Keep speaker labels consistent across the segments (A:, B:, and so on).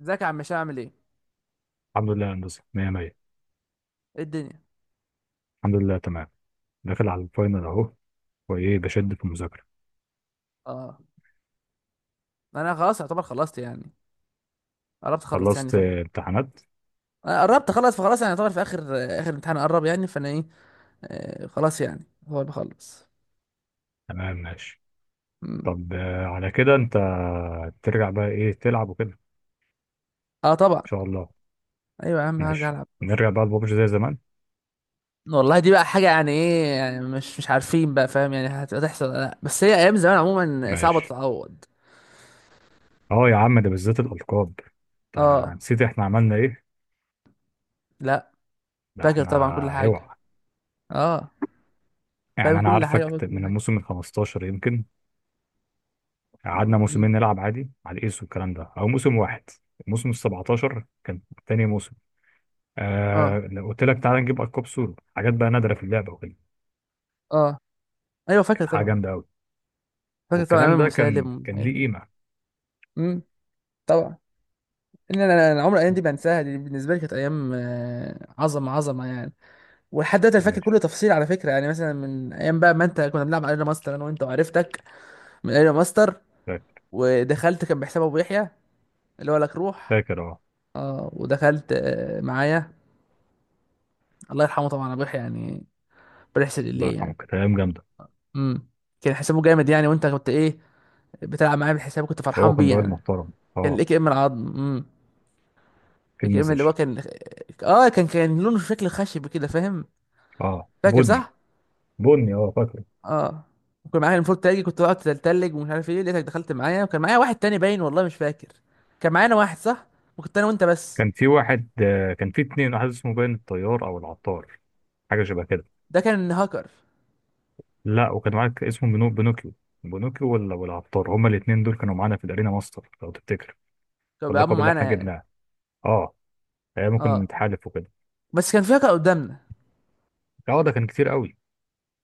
A: ازيك يا عم هشام عامل ايه؟
B: الحمد لله يا هندسة، مية مية.
A: ايه الدنيا؟
B: الحمد لله، تمام. داخل على الفاينل أهو، وإيه بشد في المذاكرة.
A: اه، انا خلاص يعتبر خلصت يعني قربت اخلص يعني
B: خلصت،
A: فاين.
B: امتحانات.
A: انا قربت اخلص فخلاص يعني يعتبر في اخر امتحان قرب يعني فانا ايه. خلاص يعني هو اللي بخلص.
B: تمام، ماشي.
A: مم.
B: طب، على كده أنت ترجع بقى إيه تلعب وكده إن
A: اه طبعا.
B: شاء الله.
A: ايوه يا عم هرجع
B: ماشي،
A: العب.
B: نرجع بقى لبابجي زي زمان.
A: والله دي بقى حاجه يعني ايه، يعني مش عارفين بقى فاهم يعني هتحصل ولا لا، بس هي ايام زمان عموما صعبه
B: ماشي.
A: تتعوض.
B: أه يا عم، ده بالذات الألقاب. أنت
A: اه.
B: نسيت إحنا عملنا إيه؟
A: لا،
B: ده
A: فاكر
B: إحنا،
A: طبعا كل حاجه.
B: أوعى.
A: اه فاهم
B: يعني أنا
A: كل حاجه
B: عارفك
A: فاكر كل
B: من
A: حاجه.
B: الموسم ال 15 يمكن. قعدنا
A: مم.
B: موسمين نلعب عادي على الإيس والكلام ده، أو موسم واحد. الموسم ال 17 كان تاني موسم.
A: اه،
B: لو قلت لك تعالى نجيب ألقاب سورو، حاجات بقى نادرة في اللعبة وكده.
A: اه، ايوه فاكر
B: كانت حاجة
A: طبعا.
B: جامدة أوي.
A: فاكر طبعا
B: والكلام
A: امام
B: ده كان
A: مسالم
B: كان
A: والحاجات
B: ليه
A: دي.
B: قيمة.
A: مم. طبعا. ان انا انا عمر الايام دي بنساها، دي بالنسبه لي كانت ايام عظمه عظمه يعني. ولحد دلوقتي أنا فاكر
B: ماشي.
A: كل تفصيل على فكره، يعني مثلا من ايام بقى ما انت كنا بنلعب ارينا ماستر انا وانت، وعرفتك من ارينا ماستر
B: فاكر.
A: ودخلت كان بحساب ابو يحيى اللي هو لك روح.
B: فاكر، اه.
A: اه ودخلت معايا. الله يرحمه طبعا ابو يحيى يعني، ربنا يحسن
B: الله
A: اليه
B: يرحمه،
A: يعني.
B: كانت أيام جامدة.
A: امم. كان حسابه جامد يعني، وانت كنت ايه بتلعب معايا بالحساب كنت
B: هو
A: فرحان
B: كان
A: بيه
B: راجل
A: يعني.
B: محترم،
A: كان
B: اه.
A: الاي كي ام العظم. امم.
B: في
A: الاي كي ام
B: المسج.
A: اللي هو كان، اه كان لونه شكل خشب كده فاهم.
B: اه،
A: فاكر
B: بني.
A: صح.
B: بني، اه، فاكره.
A: اه. وكان معايا المفروض تلجي، كنت بقعد اتلج ومش عارف ايه، لقيتك دخلت معايا، وكان معايا واحد تاني باين والله مش فاكر. كان معانا واحد صح، وكنت انا وانت بس.
B: كان في واحد، كان في اتنين. واحد اسمه باين الطيار أو العطار، حاجة شبه كده.
A: ده كان هاكر.
B: لا، وكان معاك اسمه بينوكيو. بينوكيو، ولا والعطار، هما الاتنين دول كانوا معانا في الأرينا ماستر لو تفتكر،
A: كانوا بيلعبوا
B: اللقب اللي
A: معانا
B: احنا
A: يعني.
B: جبناه. اه. ممكن
A: اه
B: نتحالف وكده.
A: بس كان في هاكر قدامنا.
B: اه، ده كان كتير قوي.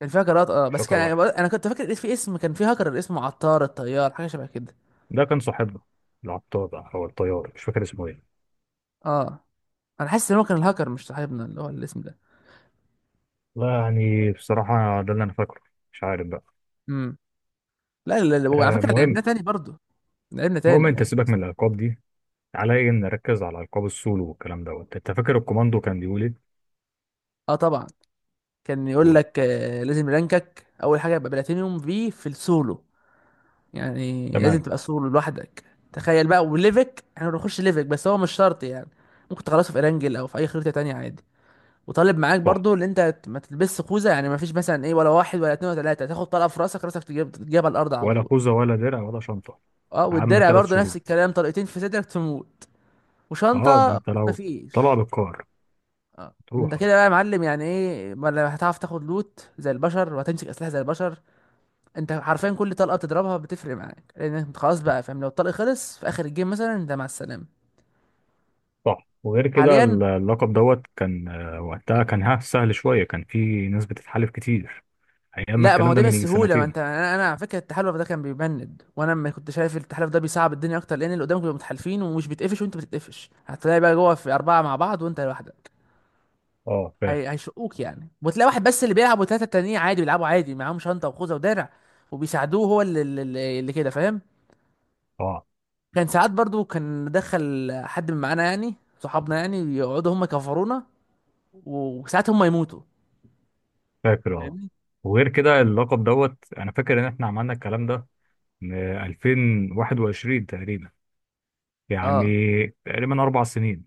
A: كان في هاكرات،
B: مش
A: بس
B: شكر
A: كان
B: واحد،
A: انا كنت فاكر في اسم، كان في هاكر اسمه عطار الطيار حاجه شبه كده.
B: ده كان صاحبنا. العطار او الطيار، مش فاكر اسمه ايه.
A: اه. انا حاسس ان هو كان الهاكر مش صاحبنا اللي هو الاسم ده.
B: لا يعني بصراحه ده اللي انا فاكره، مش عارف بقى.
A: امم. لا، لا، لا، وعلى فكره لعبناه
B: مهم.
A: تاني برضه. لعبنا
B: المهم
A: تاني
B: انت
A: يعني.
B: سيبك من الالقاب دي، عليا ان نركز على القاب السولو والكلام دوت. انت فاكر الكوماندو كان بيقول ايه؟
A: اه طبعا. كان يقول
B: قول.
A: لك لازم رانكك اول حاجه يبقى بلاتينيوم في السولو. يعني لازم
B: تمام.
A: تبقى سولو لوحدك. تخيل بقى وليفك، احنا بنخش ليفك بس هو مش شرط يعني، ممكن تخلصه في ارانجل او في اي خريطه تانية عادي. وطالب معاك
B: صح.
A: برضو اللي انت ما تلبسش خوذه. يعني ما فيش مثلا ايه، ولا واحد ولا اتنين ولا تلاته تاخد طلقه في راسك تجيب على الارض على
B: ولا
A: طول.
B: خوذه، ولا درع، ولا شنطه.
A: اه
B: عم
A: والدرع
B: ثلاث
A: برضو نفس
B: شروط.
A: الكلام، طلقتين في صدرك تموت.
B: اه، ده
A: وشنطه
B: انت
A: ما
B: لو طلع
A: فيش.
B: بالقار،
A: اه انت
B: تروح اروح.
A: كده بقى يا معلم، يعني ايه، ولا هتعرف تاخد لوت زي البشر وهتمسك اسلحه زي البشر. انت حرفيا كل طلقه بتضربها بتفرق معاك، لان انت خلاص بقى فاهم، لو الطلق خلص في اخر الجيم مثلا انت مع السلامه.
B: صح. وغير كده
A: حاليا.
B: اللقب دوت كان، وقتها كان سهل شويه، كان في ناس بتتحالف كتير. ايام ما
A: لا، ما هو
B: الكلام ده،
A: ده
B: من يجي
A: بالسهوله، ما
B: سنتين.
A: انت انا على فكره التحالف ده كان بيبند، وانا ما كنت شايف، التحالف ده بيصعب الدنيا اكتر، لان اللي قدامك بيبقوا متحالفين ومش بيتقفش، وانت بتتقفش، هتلاقي بقى جوه في اربعه مع بعض وانت لوحدك.
B: اه، فاهم.
A: هيشقوك يعني، وتلاقي واحد بس اللي بيلعب وثلاثه التانيين عادي بيلعبوا عادي، معاهم شنطه وخوذه ودرع وبيساعدوه. هو اللي كده فاهم.
B: اه.
A: كان ساعات برضو كان دخل حد من معانا يعني صحابنا، يعني يقعدوا هم يكفرونا وساعات هم يموتوا.
B: فاكر، اه.
A: فاهمني.
B: وغير كده اللقب دوت، انا فاكر ان احنا عملنا الكلام ده من 2021 تقريبا، يعني
A: اه.
B: تقريبا اربع سنين.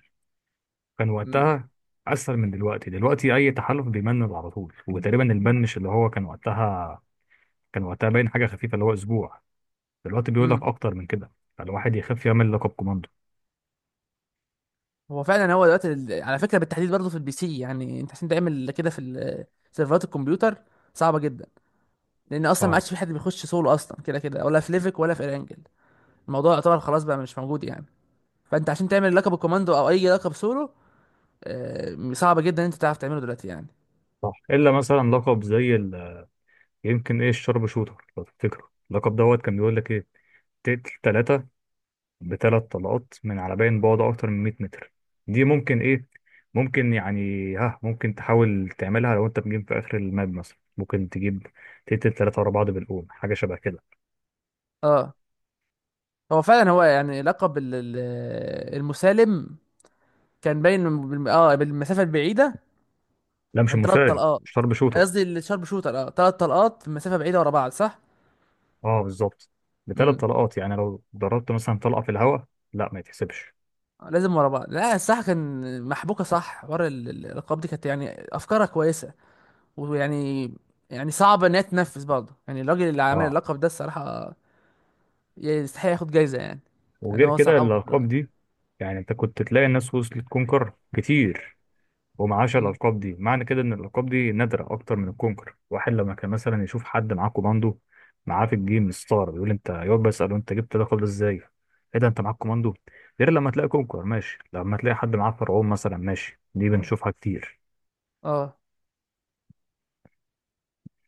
B: كان
A: امم.
B: وقتها اسهل من دلوقتي. اي تحالف بيمنن على طول، وتقريبا البن مش اللي هو كان وقتها. كان وقتها باين حاجه خفيفه، اللي هو اسبوع. دلوقتي بيقول لك
A: امم.
B: اكتر من كده، فالواحد يخاف يعمل لقب كوماندو.
A: هو فعلا هو دلوقتي على فكره بالتحديد برضه في البي سي، يعني انت عشان تعمل كده في سيرفرات الكمبيوتر صعبه جدا، لان اصلا ما
B: اه،
A: عادش في حد بيخش سولو اصلا كده كده، ولا في ليفك ولا في رانجل. الموضوع يعتبر خلاص بقى مش موجود يعني. فانت عشان تعمل لقب الكوماندو او اي لقب سولو، صعب جدا ان انت تعرف تعمله دلوقتي يعني.
B: صح. الا مثلا لقب زي ال... يمكن ايه، الشرب شوتر. لو تفتكره، اللقب دوت كان بيقول لك ايه؟ تقتل ثلاثه بثلاث طلقات من على باين بعد اكتر من 100 متر. دي ممكن، ايه، ممكن يعني. ممكن تحاول تعملها لو انت بتجيب في اخر الماب. مثلا ممكن تجيب تقتل ثلاثة ورا بعض بالقوم، حاجة شبه كده.
A: اه هو فعلا هو يعني لقب المسالم كان باين بالمسافه البعيده،
B: لا، مش
A: كان ثلاث
B: مسالم،
A: طلقات.
B: شارب شوتر.
A: قصدي الشارب شوتر، ثلاث طلقات مسافه بعيده ورا بعض صح.
B: اه، بالظبط. بثلاث
A: امم.
B: طلقات، يعني لو ضربت مثلا طلقة في الهواء، لا ما يتحسبش.
A: لازم ورا بعض، لا الصح كان محبوكه، صح. ورا الالقاب دي كانت يعني افكارها كويسه. ويعني، يعني صعبه ان هي تنفذ برضه، يعني الراجل اللي عامل
B: اه.
A: اللقب ده الصراحه يستحق ياخد جايزه يعني، لان
B: وغير
A: هو
B: كده
A: صعب.
B: الالقاب دي، يعني انت كنت تلاقي الناس وصلت كونكر كتير، ومعاش
A: امم.
B: الألقاب دي. معنى كده إن الألقاب دي نادرة أكتر من الكونكر. واحد لما كان مثلا يشوف حد معاه كوماندو معاه في الجيم ستار، يقول أنت، يقعد بقى يسأله أنت جبت اللقب ده إزاي؟ إيه ده، أنت معاك كوماندو؟ غير لما تلاقي كونكر، ماشي. لما تلاقي حد معاه فرعون مثلا، ماشي، دي بنشوفها كتير.
A: اه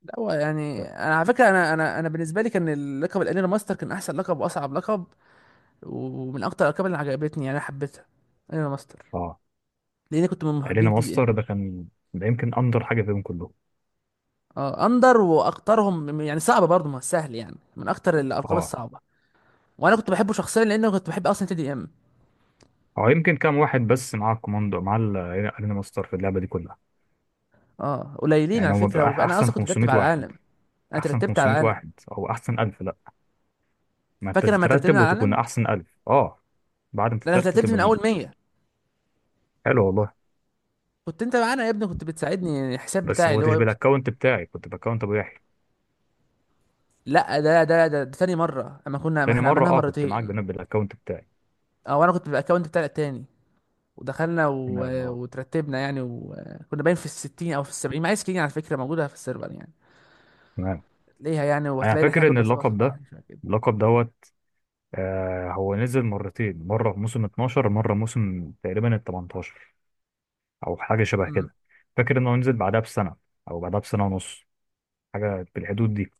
A: لا هو يعني انا على فكره انا بالنسبه لي كان اللقب الانيرا ماستر كان احسن لقب واصعب لقب، ومن اكتر الالقاب اللي عجبتني يعني انا حبيتها. انيرا ماستر.
B: أه.
A: لاني كنت من
B: علينا
A: محبين تي دي
B: ماستر
A: ام.
B: ده كان، ده يمكن أندر حاجة فيهم كلهم.
A: اه اندر واكترهم يعني صعبه برضه، ما سهل يعني، من اكتر الالقاب
B: أه.
A: الصعبه. وانا كنت بحبه شخصيا لان كنت بحب اصلا تي دي ام.
B: أو يمكن كام واحد بس معاه الكوماندو مع علينا ماستر في اللعبة دي كلها.
A: اه قليلين على
B: يعني هو
A: فكره،
B: بيبقى
A: وانا
B: أحسن
A: اصلا كنت
B: 500
A: بترتب على
B: واحد،
A: العالم. انا
B: أحسن
A: ترتبت على
B: 500
A: العالم.
B: واحد، أو أحسن 1000. ما انت
A: فاكر لما
B: تترتب
A: ترتبنا على
B: وتكون
A: العالم؟
B: احسن الف، اه. بعد ما
A: ده انا
B: تترتب
A: ترتبت من
B: تبقى منه.
A: اول 100.
B: حلو والله.
A: كنت انت معانا يا ابني، كنت بتساعدني يعني الحساب
B: بس
A: بتاعي
B: ما
A: اللي هو
B: كنتش
A: يوصل.
B: بالاكونت بتاعي، كنت باكونت ابو يحيى.
A: لا، ده تاني مره، اما كنا، ما
B: تاني
A: احنا
B: مره،
A: عملناها
B: اه، كنت معاك
A: مرتين.
B: بنفس بالاكونت بتاعي.
A: اه وانا كنت بالاكونت بتاعي التاني، ودخلنا
B: تمام، اه.
A: وترتبنا يعني، وكنا باين في الستين او في السبعين، معايا سكرين على فكره موجوده في السيرفر يعني
B: تمام.
A: ليها يعني،
B: انا
A: وتلاقي ان احنا
B: فاكر ان
A: كنا
B: اللقب
A: 67
B: ده،
A: حاجه شبه كده.
B: اللقب دوت، هو نزل مرتين. مره في موسم 12، مره موسم تقريبا ال 18، او حاجه شبه
A: امم.
B: كده. فاكر انه نزل بعدها بسنه، او بعدها بسنه ونص، حاجه في الحدود دي.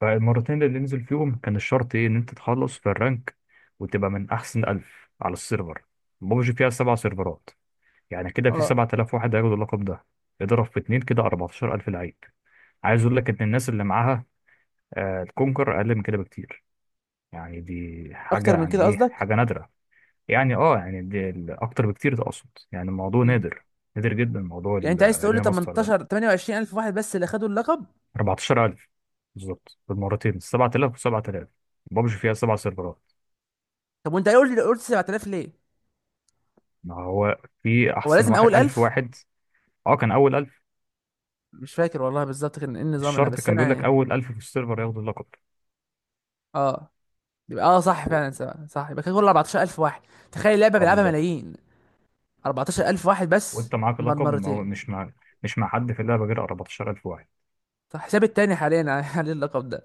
B: فالمرتين اللي ننزل فيهم، كان الشرط ايه؟ ان انت تخلص في الرانك وتبقى من احسن ألف على السيرفر. ببجي فيها سبع سيرفرات، يعني كده في
A: اه
B: 7000 واحد هياخدوا اللقب ده. اضرب في اتنين كده، 14000 لعيب. عايز اقول لك ان الناس اللي معاها الكونكر اقل من كده بكتير. يعني دي
A: اكتر
B: حاجه،
A: من
B: يعني
A: كده
B: ايه،
A: قصدك.
B: حاجه نادره. يعني اه، يعني اكتر بكتير ده اقصد. يعني الموضوع
A: امم.
B: نادر، نادر جدا، موضوع
A: يعني انت عايز تقول لي
B: الارينا ماستر ده.
A: 18 28 الف واحد بس اللي خدوا اللقب؟
B: 14000 بالظبط، بالمرتين 7000 و7000. ببجي فيها سبع سيرفرات.
A: طب وانت قلت لي قلت 7000 ليه؟
B: ما هو في
A: هو
B: احسن،
A: لازم اول
B: واحد الف
A: 1000؟
B: واحد. اه، كان اول الف.
A: مش فاكر والله بالظبط كان ايه النظام، انا
B: الشرط
A: بس
B: كان
A: انا
B: بيقول لك
A: يعني.
B: اول الف في السيرفر ياخدوا اللقب.
A: اه يبقى صح
B: و...
A: فعلا سبعة. صح يبقى كده كل 14000 واحد. تخيل لعبه
B: اه،
A: بيلعبها
B: بالظبط.
A: ملايين، 14000 واحد بس
B: وانت معاك
A: مر
B: اللقب، ما هو
A: مرتين.
B: مش مع حد في اللعبه غير 14000 واحد.
A: صح حساب التاني حاليا على اللقب ده،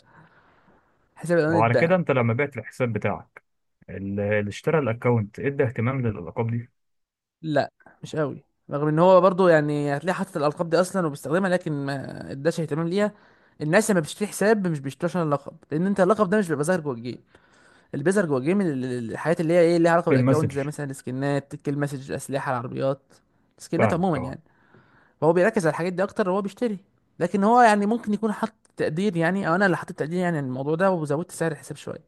A: حساب الأولاني
B: وعلى
A: اتباع.
B: كده انت لما بعت الحساب بتاعك، اللي اشترى الاكونت ادى اهتمام للالقاب دي؟
A: لا مش قوي، رغم ان هو برضو يعني هتلاقيه حاطط الالقاب دي اصلا وبيستخدمها، لكن ما اداش اهتمام ليها. الناس لما بتشتري حساب مش بيشتروش عشان اللقب، لان انت اللقب ده مش بيبقى ظاهر جوه الجيم. اللي بيظهر جوه الجيم الحاجات اللي هي ايه ليها علاقه
B: في
A: بالاكونت،
B: المسج.
A: زي مثلا السكنات، الكيل مسج، الاسلحه، العربيات، السكنات
B: فاهم،
A: عموما
B: اه.
A: يعني. فهو بيركز على الحاجات دي اكتر وهو بيشتري، لكن هو يعني ممكن يكون حاطط تقدير يعني، او انا اللي حطيت تقدير يعني عن الموضوع ده وزودت سعر الحساب شويه،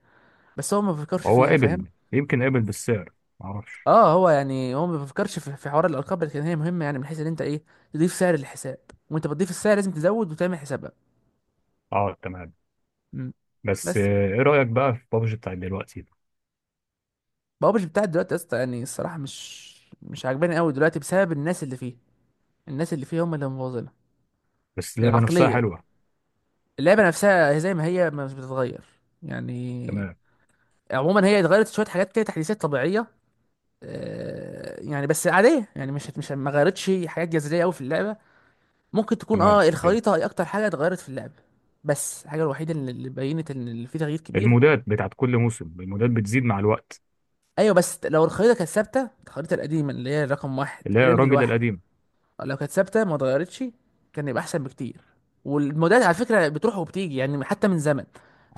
A: بس هو ما بيفكرش
B: هو
A: فيها فاهم.
B: قبل، يمكن قبل بالسعر، ما اعرفش.
A: اه هو يعني هو ما بيفكرش في في حوار الارقام، لكن هي مهمه، يعني من حيث ان انت ايه تضيف سعر للحساب، وانت بتضيف السعر لازم تزود وتعمل حسابها.
B: اه، تمام.
A: مم.
B: بس،
A: بس يعني
B: ايه رايك بقى في بابجي بتاعت دلوقتي؟
A: بابجي بتاعت دلوقتي يا اسطى يعني الصراحه مش عاجباني قوي دلوقتي بسبب الناس اللي فيه، الناس اللي فيه هم اللي مبوظينها.
B: بس اللعبه نفسها
A: العقليه.
B: حلوه.
A: اللعبه نفسها هي زي ما هي، ما مش بتتغير يعني.
B: تمام.
A: عموما هي اتغيرت شويه حاجات كده، تحديثات طبيعيه، يعني بس عاديه، يعني مش مش ما غيرتش حاجات جذريه قوي في اللعبه. ممكن تكون
B: تمام.
A: الخريطة هي أكتر حاجة اتغيرت في اللعبة. بس الحاجة الوحيدة اللي بينت إن اللي في تغيير كبير.
B: المودات بتاعت كل موسم، المودات بتزيد مع الوقت.
A: أيوة بس لو الخريطة كانت ثابتة، الخريطة القديمة اللي هي رقم واحد
B: اللي هي
A: رينجل
B: الراجل
A: واحد،
B: القديم.
A: لو كانت ثابتة ما اتغيرتش كان يبقى أحسن بكتير. والمودات على فكرة بتروح وبتيجي يعني حتى من زمن،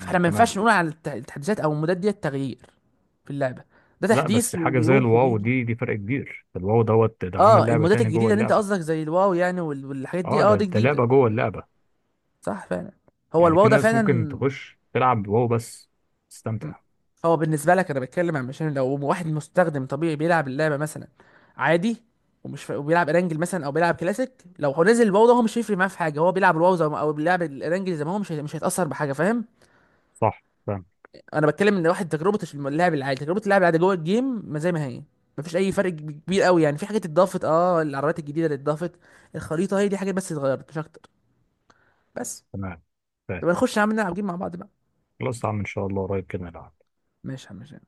B: يعني
A: ما
B: تمام.
A: ينفعش نقول على التحديثات أو المودات دي تغيير في اللعبة. ده
B: لا
A: تحديث
B: بس حاجة زي
A: وبيروح
B: الواو،
A: وبيجي.
B: دي فرق كبير. الواو دوت ده عمل
A: اه
B: لعبة
A: المودات
B: تاني جوه
A: الجديدة اللي انت
B: اللعبة.
A: قصدك زي الواو يعني والحاجات دي
B: اه، ده
A: دي
B: ده
A: جديدة.
B: لعبة جوه اللعبة.
A: صح فعلا، هو
B: يعني
A: الواو
B: في
A: ده
B: ناس ممكن
A: فعلا.
B: تخش تلعب واو بس
A: مم.
B: تستمتع.
A: هو بالنسبه لك انا بتكلم، عن مشان لو واحد مستخدم طبيعي بيلعب اللعبه مثلا عادي، وبيلعب ارانجل مثلا او بيلعب كلاسيك، لو هو نزل الواو ده هو مش هيفرق معاه في حاجه، هو بيلعب الواو زي ما... او بيلعب الارانجل زي ما هو، مش مش هيتاثر بحاجه فاهم.
B: صح، فاهم.
A: انا بتكلم ان واحد تجربه اللاعب العادي جوه الجيم ما زي ما هي. مفيش اي فرق كبير قوي يعني، في حاجات اتضافت، العربيات الجديده اللي اتضافت، الخريطه، هي دي حاجات بس اتغيرت مش اكتر. بس.
B: تمام، فاهم.
A: طب نخش يا عم نلعب جيم مع بعض بقى.
B: خلاص يا عم، ان شاء الله قريب كده نلعب.
A: ماشي يا عم ماشي.